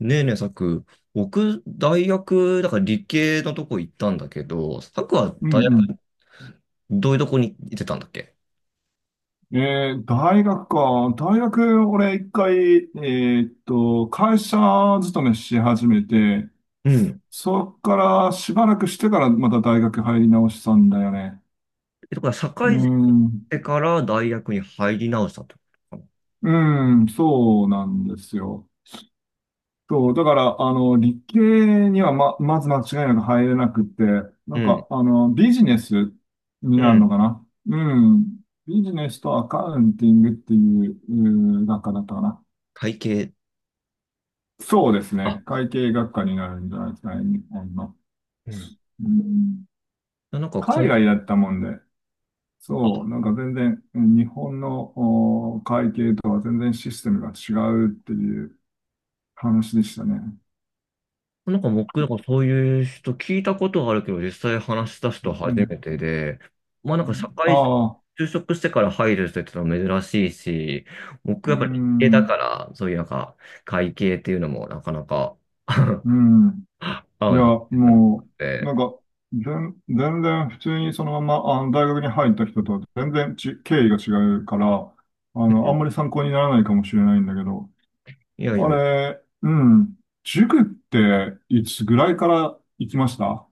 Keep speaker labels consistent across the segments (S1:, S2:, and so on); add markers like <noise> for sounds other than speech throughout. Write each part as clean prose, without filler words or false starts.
S1: ねえねえ、さく、僕、大学、だから理系のとこ行ったんだけど、さくは
S2: う
S1: 大学、
S2: ん
S1: どういうとこに行ってたんだっけ？
S2: 大学か。大学、俺一回、会社勤めし始めて、
S1: うん。
S2: そっからしばらくしてからまた大学入り直したんだよね。
S1: え、だから、社
S2: う
S1: 会人し
S2: ん。
S1: てから大学に入り直したってことか
S2: うん、そうなんですよ。そう、だから、理系にはまず間違いなく入れなくって、
S1: な。うん。
S2: ビジネスに
S1: う
S2: なる
S1: ん。
S2: のかな。うん。ビジネスとアカウンティングっていう、うん学科だったかな。
S1: 会計？
S2: そうです
S1: あ、
S2: ね。会計学科になるんじゃないですかね、日本の。
S1: うん。
S2: うん
S1: なんか
S2: 海
S1: 会、
S2: 外
S1: あ
S2: だったもんで、そう、なんか全然、うん日本のお会計とは全然システムが違うっていう話でしたね。
S1: なんか僕、なんかそういう人聞いたことはあるけど、実際話し出す人は
S2: う
S1: 初め
S2: ん。
S1: てで、まあなんか社
S2: あ
S1: 会、
S2: あ、
S1: 就職してから入る人ってのは珍しいし、僕や
S2: う
S1: っぱり理系だ
S2: ん、
S1: から、そういうなんか会計っていうのもなかなか
S2: う
S1: <laughs>
S2: ん。
S1: 合
S2: い
S1: う
S2: や、
S1: なってなく
S2: もう、
S1: て、
S2: 全然普通にそのまま、大学に入った人とは全然ち、経緯が違うから、
S1: う
S2: あんま
S1: ん。
S2: り参考にならないかもしれないんだけど、
S1: いやいや
S2: あ
S1: いや、
S2: れ、うん。塾っていつぐらいから行きました？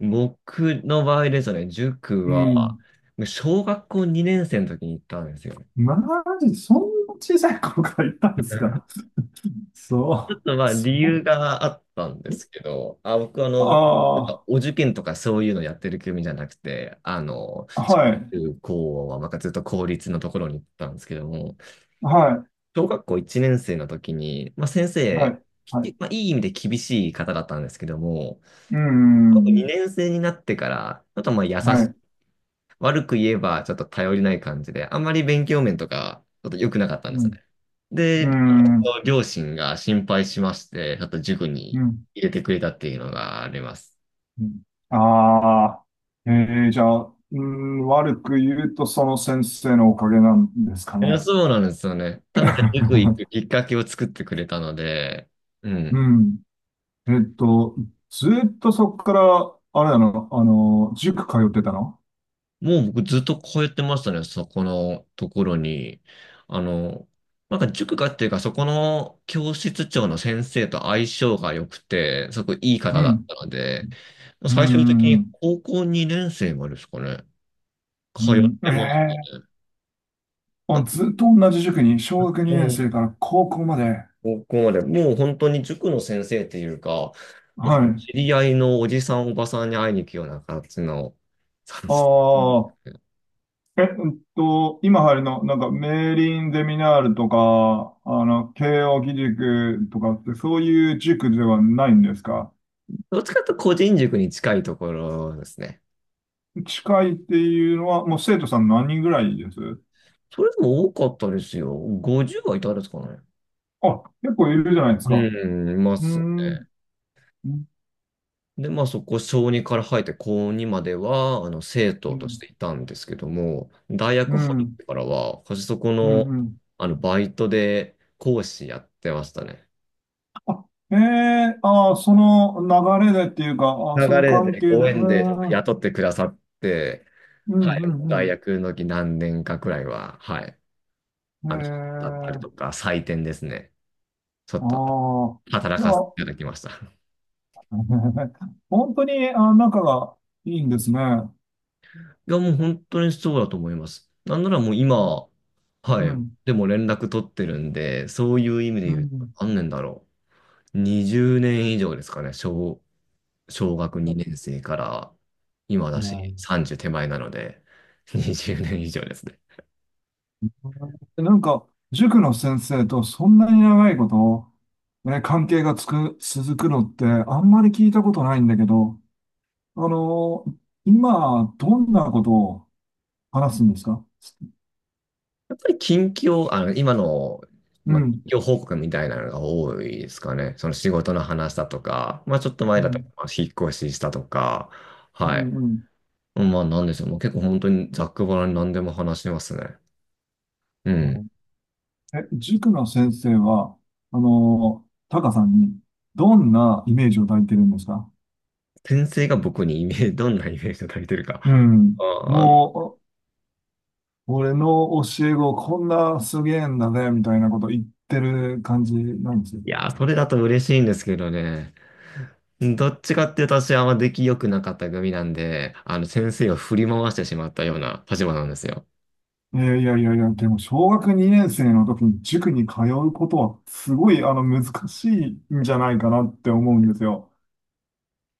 S1: 僕の場合ですね、塾
S2: う
S1: は
S2: ん。
S1: 小学校2年生の時に行ったんですよね。
S2: マジ、そんな小さい頃から行ったんですか？
S1: ちょ
S2: そ
S1: っ
S2: う。
S1: とまあ
S2: そ
S1: 理
S2: う。
S1: 由があったんですけど、あ、僕あの、なんか
S2: あ
S1: お受験とかそういうのやってる組じゃなくて、あの、小
S2: あー、はい、
S1: 中高はまあずっと公立のところに行ったんですけども、
S2: は
S1: 小学校1年生の時に、まあ、先
S2: い、は
S1: 生、
S2: い、はい。
S1: まあ、いい意味で厳しい方だったんですけども、
S2: うん、
S1: 2年生になってから、ちょっとまあ
S2: はい、
S1: 悪く言えばちょっと頼りない感じで、あんまり勉強面とか、ちょっと良くなかったんで
S2: う
S1: すね。
S2: ん、う
S1: で、あ
S2: ん、う
S1: の両親が心配しまして、ちょっと塾
S2: ん、
S1: に入れてくれたっていうのがあります。
S2: うん。ああー、じゃあ、うん、悪く言うとその先生のおかげなんですか
S1: いや、
S2: ね。
S1: そうなんですよね。ただ、塾行くき
S2: <laughs>
S1: っかけを作ってくれたので、う
S2: う
S1: ん。
S2: ん。えっと、ずっとそこから、あれだな、塾通ってたの？
S1: もう僕ずっと通ってましたね、そこのところに。あの、なんか塾がっていうか、そこの教室長の先生と相性が良くて、すごくいい
S2: う
S1: 方だっ
S2: ん。
S1: たので、
S2: う
S1: 最終的
S2: ん、う
S1: に
S2: ん、
S1: 高校2年生までですかね、
S2: う
S1: 通っ
S2: ん。
S1: てまし
S2: え
S1: たね。
S2: え
S1: な
S2: あ、
S1: んか
S2: ずっと同じ塾に、小学
S1: も
S2: 2年生
S1: う
S2: から高校まで。
S1: 高校まで、もう本当に塾の先生っていうか、なんか
S2: はい。
S1: 知り合いのおじさんおばさんに会いに行くような形の、そうです。
S2: ああ、え、うんと、今入るの、なんか、メーリンゼミナールとか、慶応義塾とかって、そういう塾ではないんですか？
S1: どっちかというと個人塾に近いところですね。
S2: 近いっていうのは、もう生徒さん何人ぐらいです？
S1: それでも多かったですよ。50はいたですかね。
S2: あ、結構いるじゃないです
S1: う
S2: か。
S1: ん、いま
S2: うー
S1: すね。
S2: ん。う
S1: で、まあそこ、小2から入って高2までは、あの、生徒としてい
S2: ん
S1: たんですけども、大
S2: う
S1: 学入っ
S2: ん、
S1: てからは、私そこ
S2: うん、
S1: の、
S2: うん。
S1: あの、バイトで講師やってましたね。
S2: ええああ、その流れでっていうか、ああ、
S1: 流
S2: その
S1: れ
S2: 関
S1: で
S2: 係で、う
S1: ご縁でちょっと
S2: ん、うん、
S1: 雇ってくださって、
S2: うん、
S1: はい、もう
S2: う
S1: 大
S2: ん。
S1: 学の時何年かくらいは、はい、あの、だったりと
S2: ええ
S1: か、採点ですね。ちょ
S2: あ
S1: っと
S2: あ、
S1: 働
S2: じゃ
S1: かせて
S2: あ、
S1: いただきました。
S2: <laughs> 本当に、あ、仲がいいんですね。
S1: いや、もう本当にそうだと思います。なんならもう今、は
S2: う
S1: い、
S2: ん、
S1: でも連絡取ってるんで、そういう意味で
S2: う
S1: 言うと、
S2: ん。
S1: 何年だろう。20年以上ですかね、小学2年生から今
S2: い
S1: だし、
S2: や
S1: 30手前なので、20年以上ですね。
S2: なんか、塾の先生とそんなに長いこと、ね、関係がつく、続くのって、あんまり聞いたことないんだけど、あの、今、どんなことを話すんですか？
S1: やっぱり近況、あの、今の、
S2: う
S1: まあ、
S2: ん、
S1: 近況報告みたいなのが多いですかね。その仕事の話だとか、まあちょっと前
S2: う
S1: だと、
S2: ん、
S1: まあ引っ越ししたとか、
S2: う
S1: はい。
S2: ん、うん。
S1: まあなんでしょう。もう結構本当にざっくばらんに何でも話してますね。う
S2: なる
S1: ん。
S2: ほど。え、塾の先生は、タカさんにどんなイメージを抱いてるんですか？
S1: 先生が僕にイメージ、どんなイメージを抱いてるか。
S2: うん。
S1: あー、
S2: もう、俺の教え子こんなすげえんだぜ、みたいなこと言ってる感じなんですよ。
S1: いやー、それだと嬉しいんですけどね。どっちかっていうと私はあんま出来良くなかった組なんで、あの先生を振り回してしまったような立場なんですよ。
S2: いやいやいやいや、でも小学2年生の時に塾に通うことはすごいあの難しいんじゃないかなって思うんですよ。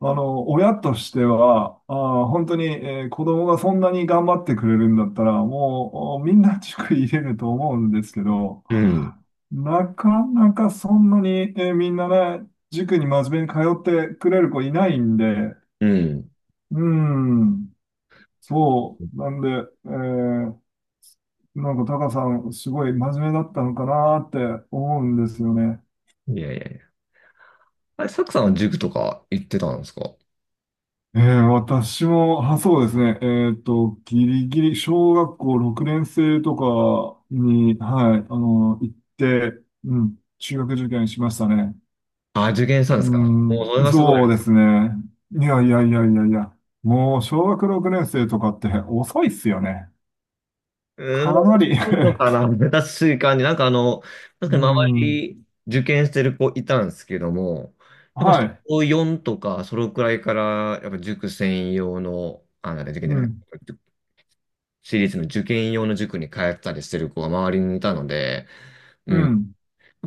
S2: 親としては、本当に、子供がそんなに頑張ってくれるんだったら、もうみんな塾入れると思うんですけど、
S1: うん。
S2: なかなかそんなに、みんなね、塾に真面目に通ってくれる子いないんで、
S1: うん。
S2: うん、そう、なんで、えーなんかタカさん、すごい真面目だったのかなって思うんですよね。
S1: いやいやいや。あれ、サクさんは塾とか行ってたんですか？
S2: 私も、あ、そうですね。ギリギリ、小学校6年生とかに、はい、行って、うん、中学受験しましたね。
S1: あ、受験したんです
S2: う
S1: か？もう
S2: ん、
S1: それがすごい。
S2: そうですね。いやいやいやいやいや、もう小学6年生とかって遅いっすよね。
S1: うーん、
S2: か
S1: そ
S2: なり
S1: ういうの
S2: <laughs>
S1: かな。
S2: か、
S1: 確かになんかあの、確か
S2: う
S1: に周
S2: ん、
S1: り受験してる子いたんですけども、やっぱ
S2: はい、
S1: 小4とかそのくらいから、やっぱ塾専用の、あ、なんだ、受験じ
S2: う
S1: ゃない、
S2: ん、
S1: 私立の受験用の塾に通ったりしてる子が周りにいたので、う
S2: う
S1: ん。やっ
S2: ん、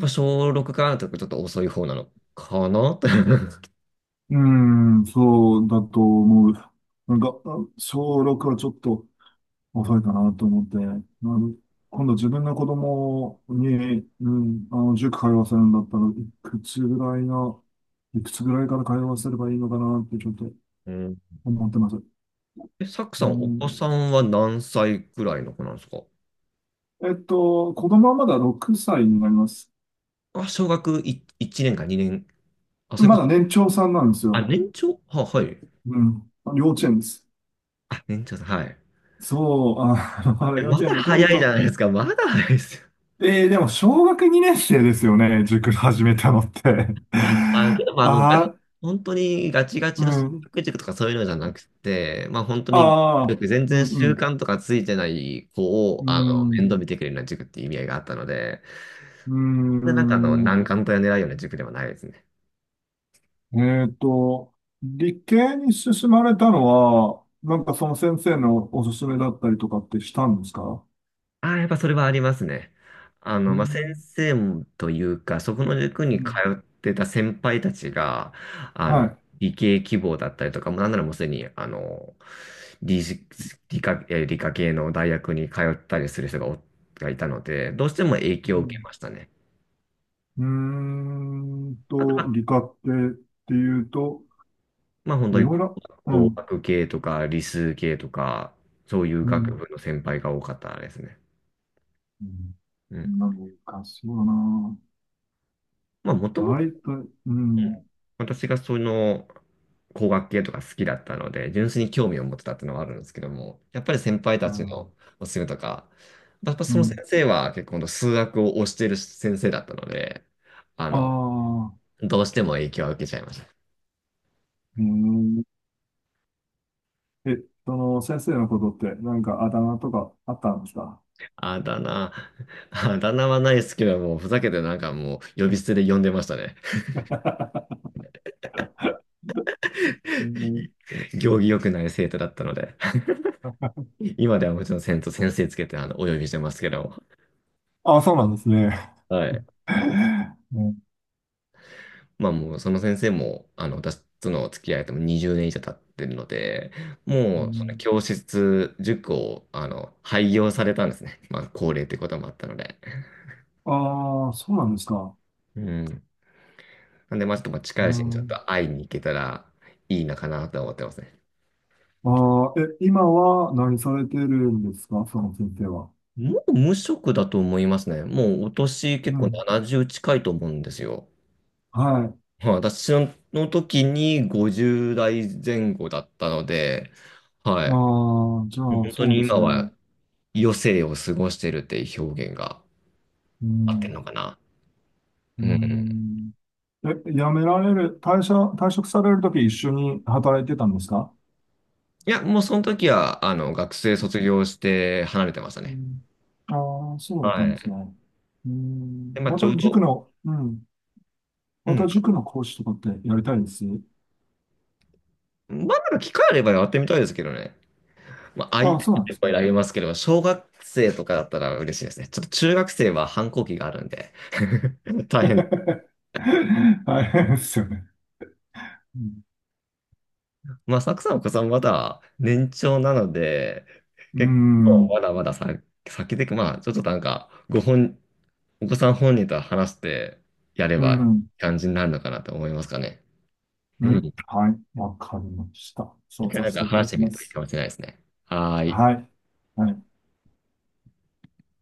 S1: ぱ小6からとかちょっと遅い方なのかなって。<laughs>
S2: うん、そうだと思う。小6はちょっと、遅いかなと思って、ん今度自分の子供に、うん、塾通わせるんだったら、くつぐらいの、いくつぐらいから通わせればいいのかなってちょっと
S1: うん。
S2: 思ってます。
S1: え、サク
S2: う
S1: さん、お子
S2: ん、
S1: さんは何歳くらいの子なんですか？
S2: えっと、子供はまだ6歳になります。
S1: あ、小学1、一年か2年。あ、そうい
S2: ま
S1: う
S2: だ
S1: こと。
S2: 年長さんなんです
S1: あ、
S2: よ。
S1: 年長は、はい。
S2: うん。幼稚園です。
S1: あ、年長さん、はい。
S2: そう、あ、<laughs> ま
S1: え、
S2: だ幼
S1: ま
S2: 稚園
S1: だ
S2: で
S1: 早
S2: 今
S1: いじゃ
S2: 度。
S1: ないですか。まだ早いですよ。
S2: でも小学2年生ですよね、塾始めたのって。
S1: まあ、けど、
S2: <laughs>
S1: まあ、あの、
S2: ああ、
S1: 本当にガチガ
S2: う
S1: チの進
S2: ん。
S1: 学塾とかそういうのじゃなくて、まあ、本当に
S2: ああ、
S1: 全
S2: う
S1: 然習
S2: ん
S1: 慣とかついてない子を、
S2: う
S1: あの、
S2: ん、
S1: 面倒見てくれるような塾っていう意味合いがあったので、
S2: う
S1: で、なんかあの、
S2: ん、
S1: 難関とや狙うような塾ではないですね。
S2: えっと、理系に進まれたのは、なんかその先生のおすすめだったりとかってしたんですか？
S1: ああ、やっぱそれはありますね。あ
S2: う
S1: の、まあ、先
S2: ん、
S1: 生というか、そこの塾
S2: う
S1: に通
S2: ん、
S1: ってた先輩たちが、あ
S2: は
S1: の、
S2: い。
S1: 理系希望だったりとか、もうなんならもうすでに、あの、理、理科系の大学に通ったりする人ががいたので、どうしても影
S2: う
S1: 響を受け
S2: ん、
S1: ましたね。
S2: うーん
S1: あと
S2: と、
S1: は、
S2: 理科系っていうと、
S1: まあ、本
S2: い
S1: 当に
S2: ろいろ、う
S1: 工
S2: ん、
S1: 学系とか理数系とか、そういう
S2: う
S1: 学
S2: ん、
S1: 部の先輩が多かったですね。
S2: うん、
S1: うん。
S2: なんかそうだな。
S1: まあ、もとも
S2: あいたい、う
S1: うん
S2: ん、
S1: 私がその工学系とか好きだったので、純粋に興味を持ってたっていうのはあるんですけども、やっぱり先輩た
S2: う
S1: ちの
S2: ん、
S1: おすすめとか、やっぱ
S2: う
S1: その先
S2: ん、
S1: 生は結構数学を推している先生だったので、あ
S2: あ
S1: の、
S2: あ、
S1: どうしても影響を受けちゃいました。
S2: うん。え、その先生のことって何かあだ名とかあったんですか？
S1: あだ名、はないですけども、ふざけてなんかもう呼び捨てで呼んでましたね。
S2: <laughs> うん、
S1: <laughs> 行儀良くない生徒だったので、今ではもちろん先生先生つけてお呼びしてますけど、
S2: <laughs> あ、そうなんですね。
S1: はい。
S2: <laughs> うん
S1: まあもうその先生も、あの、私との付き合いとも20年以上経ってるので、
S2: う
S1: もうその
S2: ん。
S1: 教室、塾を、あの、廃業されたんですね。まあ、高齢ってこともあったので。
S2: ああ、そうなんですか。
S1: うん。なんで、まあちょっとまあ近
S2: う
S1: いうちにちょっと
S2: ん、
S1: 会いに行けたらいいなかなとは思ってますね。
S2: ああ、え、今は何されてるんですかその先生は。
S1: もう無職だと思いますね。もうお年結
S2: う
S1: 構
S2: ん。
S1: 70近いと思うんですよ。
S2: はい。
S1: はい、私の時に50代前後だったので、は
S2: ああ、じゃ
S1: い。<laughs>
S2: あ、
S1: 本当
S2: そう
S1: に
S2: です
S1: 今
S2: ね。
S1: は余生を過ごしてるっていう表現が
S2: う
S1: 合ってる
S2: ん。
S1: のかな。
S2: う
S1: うん。
S2: ん。え、辞められる、退社、退職されるとき一緒に働いてたんですか？
S1: いや、もうその時は、あの、学生卒業して離れてました
S2: う
S1: ね。
S2: ん。ああ、そうだった
S1: は
S2: んです
S1: い。
S2: ね。う
S1: で、
S2: ん。
S1: まあ、
S2: ま
S1: ちょ
S2: た
S1: う
S2: 塾
S1: ど、
S2: の、うん。
S1: う
S2: ま
S1: ん。
S2: た塾の講師とかってやりたいです。
S1: まあ、なんか機会あればやってみたいですけどね。まあ、相
S2: ああ、
S1: 手が
S2: そうなん
S1: い
S2: で
S1: っ
S2: す
S1: ぱ
S2: ね。
S1: いあますけど、小学生とかだったら嬉しいですね。ちょっと中学生は反抗期があるんで <laughs> 大変。
S2: <laughs> 大変ですよね。うん。
S1: まあ、サクさん、お子さんまだ年長なので、
S2: う
S1: 結構
S2: ん。
S1: まだまださ、先で、まあ、ちょっとなんか、お子さん本人と話してやれ
S2: う
S1: ばい
S2: ん
S1: い感じになるのかなと思いますかね。
S2: う
S1: うん。
S2: んはい。わかりました。
S1: 一
S2: そう
S1: 回
S2: さ
S1: なん
S2: せ
S1: か
S2: ていた
S1: 話
S2: だ
S1: して
S2: き
S1: み
S2: ま
S1: るといい
S2: す。
S1: かもしれないですね。はーい。
S2: はい。はい。